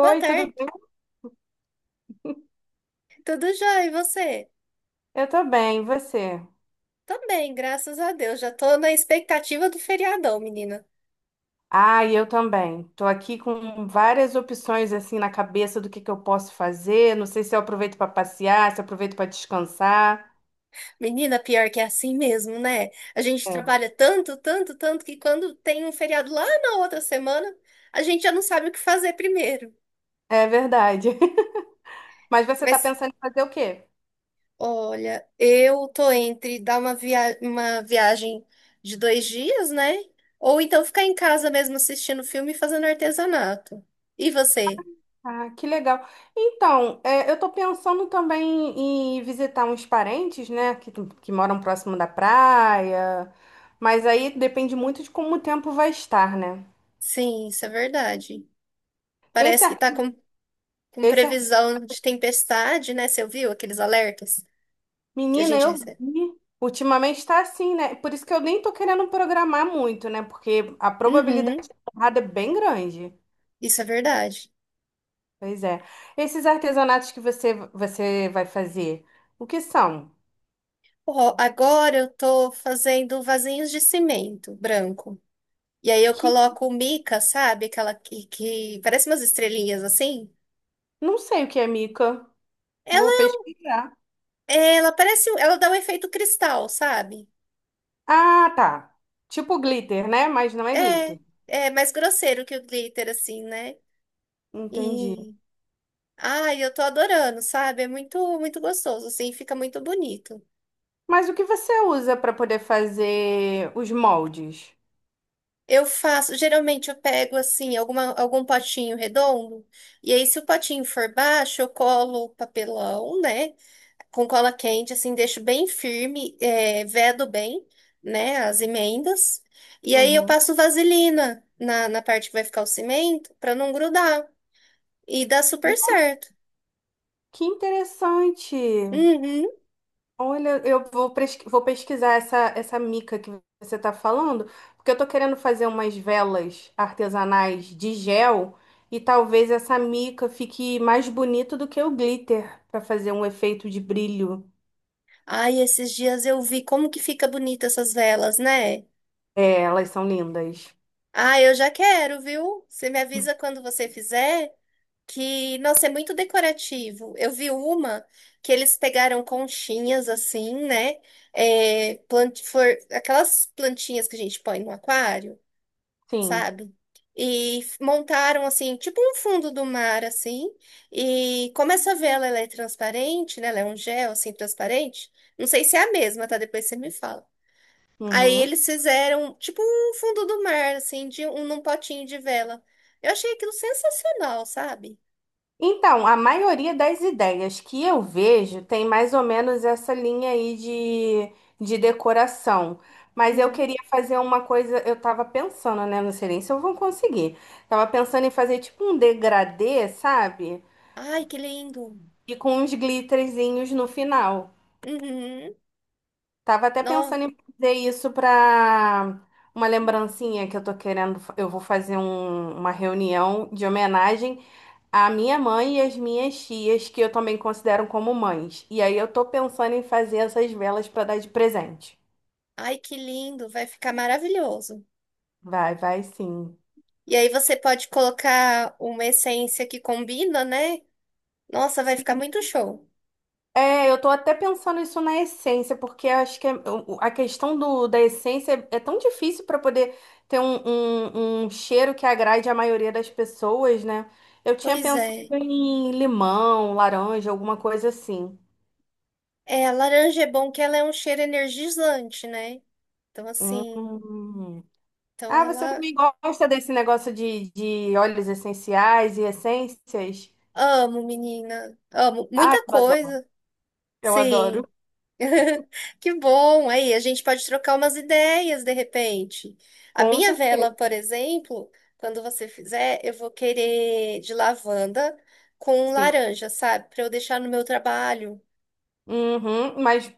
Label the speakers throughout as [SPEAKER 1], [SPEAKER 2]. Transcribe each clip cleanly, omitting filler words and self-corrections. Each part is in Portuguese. [SPEAKER 1] Boa
[SPEAKER 2] tudo
[SPEAKER 1] tarde,
[SPEAKER 2] bem?
[SPEAKER 1] tudo jóia? E você?
[SPEAKER 2] Eu tô bem, e você?
[SPEAKER 1] Também, graças a Deus. Já tô na expectativa do feriadão, menina.
[SPEAKER 2] Ah, e eu também. Tô aqui com várias opções assim na cabeça do que eu posso fazer. Não sei se eu aproveito para passear, se eu aproveito para descansar.
[SPEAKER 1] Menina, pior que é assim mesmo, né? A gente
[SPEAKER 2] É.
[SPEAKER 1] trabalha tanto, tanto, tanto que quando tem um feriado lá na outra semana, a gente já não sabe o que fazer primeiro.
[SPEAKER 2] É verdade. Mas você tá
[SPEAKER 1] Mas,
[SPEAKER 2] pensando em fazer o quê?
[SPEAKER 1] olha, eu tô entre dar uma viagem de 2 dias, né? Ou então ficar em casa mesmo assistindo filme e fazendo artesanato. E você?
[SPEAKER 2] Ah, que legal. Então, é, eu tô pensando também em visitar uns parentes, né, que moram próximo da praia. Mas aí depende muito de como o tempo vai estar, né?
[SPEAKER 1] Sim, isso é verdade.
[SPEAKER 2] Esse,
[SPEAKER 1] Parece que
[SPEAKER 2] ar-
[SPEAKER 1] tá com
[SPEAKER 2] esse
[SPEAKER 1] previsão de tempestade, né? Você ouviu aqueles alertas que a
[SPEAKER 2] Menina,
[SPEAKER 1] gente
[SPEAKER 2] eu
[SPEAKER 1] recebe?
[SPEAKER 2] vi. Ultimamente está assim, né? Por isso que eu nem tô querendo programar muito, né? Porque a probabilidade
[SPEAKER 1] Uhum,
[SPEAKER 2] de dar errado é bem grande.
[SPEAKER 1] isso é verdade.
[SPEAKER 2] Pois é. Esses artesanatos que você vai fazer, o que são?
[SPEAKER 1] Ó, agora eu tô fazendo vasinhos de cimento branco. E aí eu
[SPEAKER 2] Que
[SPEAKER 1] coloco mica, sabe? Aquela que parece umas estrelinhas assim.
[SPEAKER 2] não sei o que é mica. Vou
[SPEAKER 1] Ela,
[SPEAKER 2] pesquisar.
[SPEAKER 1] ela parece, ela dá um efeito cristal, sabe?
[SPEAKER 2] Ah, tá. Tipo glitter, né? Mas não é
[SPEAKER 1] É,
[SPEAKER 2] glitter.
[SPEAKER 1] é mais grosseiro que o glitter, assim, né?
[SPEAKER 2] Entendi.
[SPEAKER 1] E, ai, eu tô adorando, sabe? É muito, muito gostoso, assim, fica muito bonito.
[SPEAKER 2] Mas o que você usa para poder fazer os moldes?
[SPEAKER 1] Eu faço, geralmente eu pego assim, algum potinho redondo, e aí se o potinho for baixo, eu colo papelão, né? Com cola quente, assim, deixo bem firme, é, vedo bem, né? As emendas. E aí eu
[SPEAKER 2] Uhum.
[SPEAKER 1] passo vaselina na parte que vai ficar o cimento, pra não grudar. E dá super certo.
[SPEAKER 2] Que interessante.
[SPEAKER 1] Uhum.
[SPEAKER 2] Olha, vou pesquisar essa mica que você está falando, porque eu estou querendo fazer umas velas artesanais de gel e talvez essa mica fique mais bonito do que o glitter para fazer um efeito de brilho.
[SPEAKER 1] Ai, esses dias eu vi como que fica bonita essas velas, né?
[SPEAKER 2] É, elas são lindas.
[SPEAKER 1] Ah, eu já quero, viu? Você me avisa quando você fizer. Que, nossa, é muito decorativo. Eu vi uma que eles pegaram conchinhas assim, né? É, aquelas plantinhas que a gente põe no aquário,
[SPEAKER 2] Sim.
[SPEAKER 1] sabe? E montaram assim, tipo um fundo do mar assim. E como essa vela ela é transparente, né? Ela é um gel assim transparente. Não sei se é a mesma, tá? Depois você me fala. Aí
[SPEAKER 2] Uhum.
[SPEAKER 1] eles fizeram tipo um fundo do mar assim, de um num potinho de vela. Eu achei aquilo sensacional, sabe?
[SPEAKER 2] Então, a maioria das ideias que eu vejo tem mais ou menos essa linha aí de decoração. Mas eu
[SPEAKER 1] Uhum.
[SPEAKER 2] queria fazer uma coisa, eu tava pensando, né? Não sei nem se eu vou conseguir. Tava pensando em fazer tipo um degradê, sabe?
[SPEAKER 1] Ai, que lindo.
[SPEAKER 2] E com uns glitterzinhos no final.
[SPEAKER 1] Uhum.
[SPEAKER 2] Tava até
[SPEAKER 1] Nossa,
[SPEAKER 2] pensando em fazer isso pra uma lembrancinha que eu tô Eu vou fazer uma reunião de homenagem a minha mãe e as minhas tias, que eu também considero como mães. E aí eu tô pensando em fazer essas velas pra dar de presente.
[SPEAKER 1] ai, que lindo. Vai ficar maravilhoso.
[SPEAKER 2] Vai, vai sim.
[SPEAKER 1] E aí você pode colocar uma essência que combina, né? Nossa, vai ficar
[SPEAKER 2] Sim.
[SPEAKER 1] muito show.
[SPEAKER 2] É, eu tô até pensando isso na essência, porque acho que a questão da essência é tão difícil para poder ter um cheiro que agrade a maioria das pessoas, né? Eu tinha
[SPEAKER 1] Pois
[SPEAKER 2] pensado
[SPEAKER 1] é.
[SPEAKER 2] em limão, laranja, alguma coisa assim.
[SPEAKER 1] É, a laranja é bom que ela é um cheiro energizante, né? Então, assim,
[SPEAKER 2] Hum.
[SPEAKER 1] então
[SPEAKER 2] Ah, você
[SPEAKER 1] ela...
[SPEAKER 2] também gosta desse negócio de óleos essenciais e essências?
[SPEAKER 1] Amo, menina. Amo.
[SPEAKER 2] Ah,
[SPEAKER 1] Muita
[SPEAKER 2] eu adoro.
[SPEAKER 1] coisa.
[SPEAKER 2] Eu
[SPEAKER 1] Sim.
[SPEAKER 2] adoro.
[SPEAKER 1] Que bom! Aí a gente pode trocar umas ideias de repente. A
[SPEAKER 2] Com
[SPEAKER 1] minha vela,
[SPEAKER 2] certeza,
[SPEAKER 1] por exemplo, quando você fizer, eu vou querer de lavanda com
[SPEAKER 2] sim.
[SPEAKER 1] laranja, sabe? Para eu deixar no meu trabalho.
[SPEAKER 2] Uhum, mas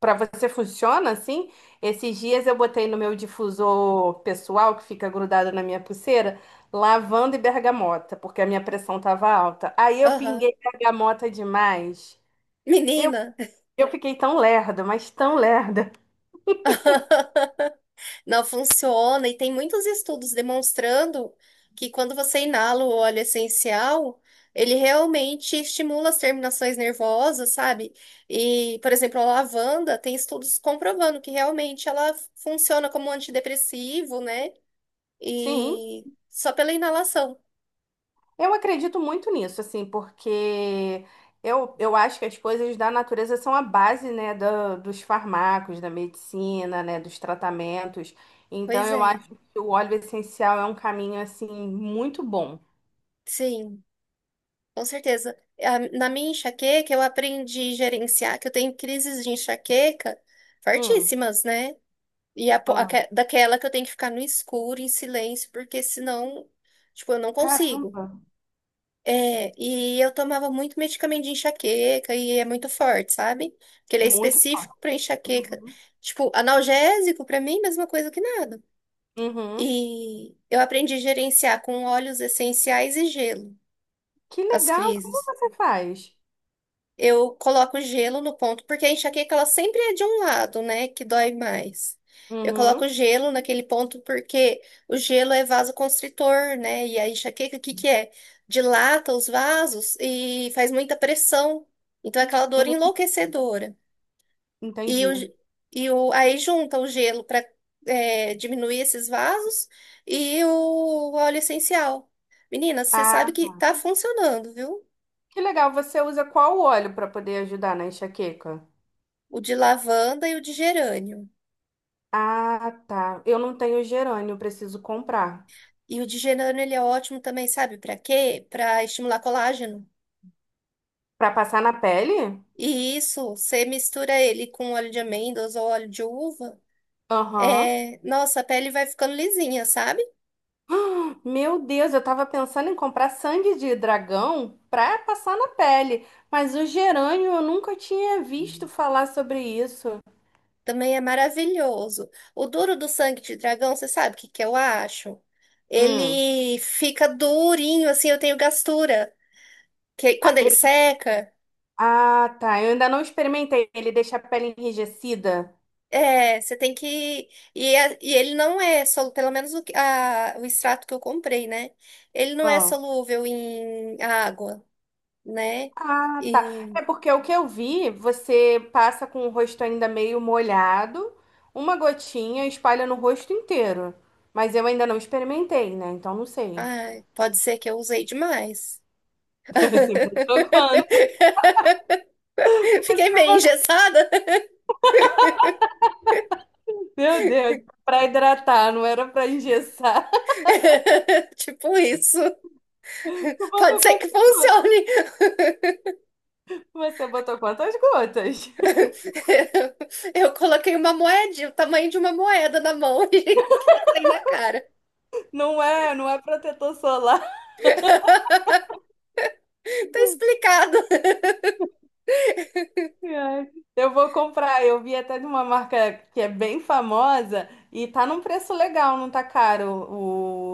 [SPEAKER 2] para você funciona assim? Esses dias eu botei no meu difusor pessoal, que fica grudado na minha pulseira, lavanda e bergamota, porque a minha pressão estava alta. Aí eu
[SPEAKER 1] Aham.
[SPEAKER 2] pinguei bergamota demais. Eu,
[SPEAKER 1] Menina!
[SPEAKER 2] eu fiquei tão lerda, mas tão lerda.
[SPEAKER 1] Não funciona, e tem muitos estudos demonstrando que quando você inala o óleo essencial, ele realmente estimula as terminações nervosas, sabe? E, por exemplo, a lavanda tem estudos comprovando que realmente ela funciona como um antidepressivo, né?
[SPEAKER 2] Sim.
[SPEAKER 1] E só pela inalação.
[SPEAKER 2] Eu acredito muito nisso, assim, porque eu acho que as coisas da natureza são a base, né, dos farmacos, da medicina, né, dos tratamentos. Então,
[SPEAKER 1] Pois
[SPEAKER 2] eu
[SPEAKER 1] é,
[SPEAKER 2] acho que o óleo essencial é um caminho, assim, muito bom.
[SPEAKER 1] sim, com certeza. Na minha enxaqueca, eu aprendi a gerenciar, que eu tenho crises de enxaqueca
[SPEAKER 2] Hum,
[SPEAKER 1] fortíssimas, né? E
[SPEAKER 2] ah,
[SPEAKER 1] daquela que eu tenho que ficar no escuro, em silêncio, porque senão, tipo, eu não consigo.
[SPEAKER 2] caramba,
[SPEAKER 1] É, e eu tomava muito medicamento de enxaqueca e é muito forte, sabe? Porque ele é
[SPEAKER 2] muito.
[SPEAKER 1] específico para enxaqueca.
[SPEAKER 2] Uhum.
[SPEAKER 1] Tipo, analgésico para mim, mesma coisa que nada.
[SPEAKER 2] Uhum.
[SPEAKER 1] E eu aprendi a gerenciar com óleos essenciais e gelo
[SPEAKER 2] Que
[SPEAKER 1] as
[SPEAKER 2] legal, como
[SPEAKER 1] crises.
[SPEAKER 2] você faz?
[SPEAKER 1] Eu coloco gelo no ponto, porque a enxaqueca ela sempre é de um lado, né, que dói mais. Eu
[SPEAKER 2] Uhum.
[SPEAKER 1] coloco gelo naquele ponto porque o gelo é vasoconstritor, né? E a enxaqueca, o que que é? Dilata os vasos e faz muita pressão. Então é aquela dor
[SPEAKER 2] Hum,
[SPEAKER 1] enlouquecedora. E, o,
[SPEAKER 2] entendi.
[SPEAKER 1] ge- e o, aí junta o gelo para diminuir esses vasos e o óleo essencial. Menina, você sabe
[SPEAKER 2] Ah,
[SPEAKER 1] que tá funcionando, viu?
[SPEAKER 2] que legal, você usa qual óleo para poder ajudar na enxaqueca?
[SPEAKER 1] O de lavanda e o de gerânio.
[SPEAKER 2] Ah, tá. Eu não tenho gerânio, preciso comprar.
[SPEAKER 1] E o digerano, ele é ótimo também, sabe? Para quê? Para estimular colágeno.
[SPEAKER 2] Pra passar na pele?
[SPEAKER 1] E isso, você mistura ele com óleo de amêndoas ou óleo de uva,
[SPEAKER 2] Aham.
[SPEAKER 1] é... nossa, a pele vai ficando lisinha, sabe?
[SPEAKER 2] Meu Deus, eu tava pensando em comprar sangue de dragão pra passar na pele, mas o gerânio eu nunca tinha visto falar sobre isso.
[SPEAKER 1] Também é maravilhoso. O duro do sangue de dragão, você sabe o que que eu acho?
[SPEAKER 2] Hum.
[SPEAKER 1] Ele fica durinho, assim, eu tenho gastura. Que quando
[SPEAKER 2] Ah,
[SPEAKER 1] ele
[SPEAKER 2] ele-
[SPEAKER 1] seca.
[SPEAKER 2] ah, tá. Eu ainda não experimentei. Ele deixa a pele enrijecida.
[SPEAKER 1] É, você tem que. E, e ele não é solúvel, pelo menos o extrato que eu comprei, né? Ele não é solúvel em água, né?
[SPEAKER 2] Ah, tá.
[SPEAKER 1] E.
[SPEAKER 2] É porque o que eu vi, você passa com o rosto ainda meio molhado, uma gotinha e espalha no rosto inteiro. Mas eu ainda não experimentei, né? Então não sei.
[SPEAKER 1] Ai, pode ser que eu usei demais.
[SPEAKER 2] Você botou quanto?
[SPEAKER 1] Fiquei
[SPEAKER 2] Você
[SPEAKER 1] meio
[SPEAKER 2] botou-
[SPEAKER 1] engessada.
[SPEAKER 2] Meu Deus, pra hidratar, não era pra engessar.
[SPEAKER 1] Tipo isso.
[SPEAKER 2] Tu
[SPEAKER 1] Pode
[SPEAKER 2] botou
[SPEAKER 1] ser que
[SPEAKER 2] quanto?
[SPEAKER 1] funcione.
[SPEAKER 2] Você botou quantas gotas?
[SPEAKER 1] Eu coloquei uma moedinha, o tamanho de uma moeda na mão e saí na cara.
[SPEAKER 2] Não é, não é protetor solar.
[SPEAKER 1] Tá explicado.
[SPEAKER 2] Ai, eu vou comprar. Eu vi até de uma marca que é bem famosa e tá num preço legal, não tá caro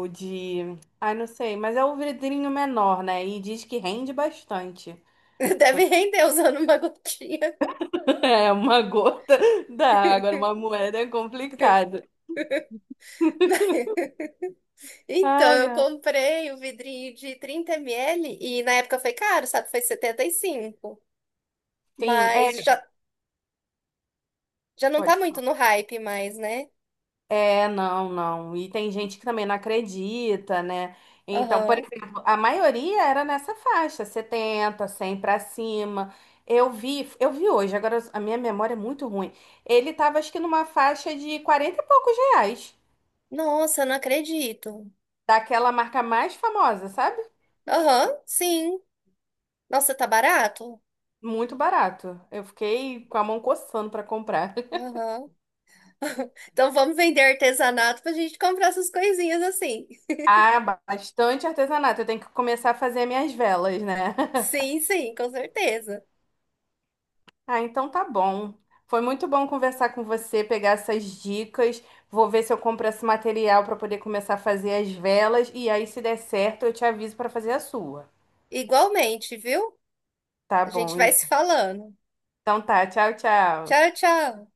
[SPEAKER 2] o de. Ai, não sei, mas é o vidrinho menor, né? E diz que rende bastante. Tô-
[SPEAKER 1] Deve render usando uma gotinha.
[SPEAKER 2] É uma gota da água, uma moeda é complicado.
[SPEAKER 1] Então,
[SPEAKER 2] Ai,
[SPEAKER 1] eu
[SPEAKER 2] ai.
[SPEAKER 1] comprei o vidrinho de 30 ml e na época foi caro, sabe? Foi 75.
[SPEAKER 2] Sim, é.
[SPEAKER 1] Mas já, já não tá
[SPEAKER 2] Pode
[SPEAKER 1] muito no hype mais, né?
[SPEAKER 2] é, não, não. E tem gente que também não acredita, né? Então, por
[SPEAKER 1] Aham.
[SPEAKER 2] exemplo, a maioria era nessa faixa, 70, 100 pra cima. Eu vi hoje, agora a minha memória é muito ruim. Ele tava, acho que numa faixa de 40 e poucos reais,
[SPEAKER 1] Nossa, eu não acredito.
[SPEAKER 2] daquela marca mais famosa, sabe?
[SPEAKER 1] Aham, sim. Nossa, tá barato?
[SPEAKER 2] Muito barato. Eu fiquei com a mão coçando pra comprar.
[SPEAKER 1] Aham. Então vamos vender artesanato pra gente comprar essas coisinhas assim.
[SPEAKER 2] Ah, bastante artesanato. Eu tenho que começar a fazer minhas velas, né?
[SPEAKER 1] Sim, sim, com certeza.
[SPEAKER 2] Ah, então tá bom. Foi muito bom conversar com você, pegar essas dicas. Vou ver se eu compro esse material para poder começar a fazer as velas. E aí, se der certo, eu te aviso para fazer a sua.
[SPEAKER 1] Igualmente, viu?
[SPEAKER 2] Tá
[SPEAKER 1] A gente vai
[SPEAKER 2] bom,
[SPEAKER 1] se falando.
[SPEAKER 2] então tá. Tchau, tchau.
[SPEAKER 1] Tchau, tchau.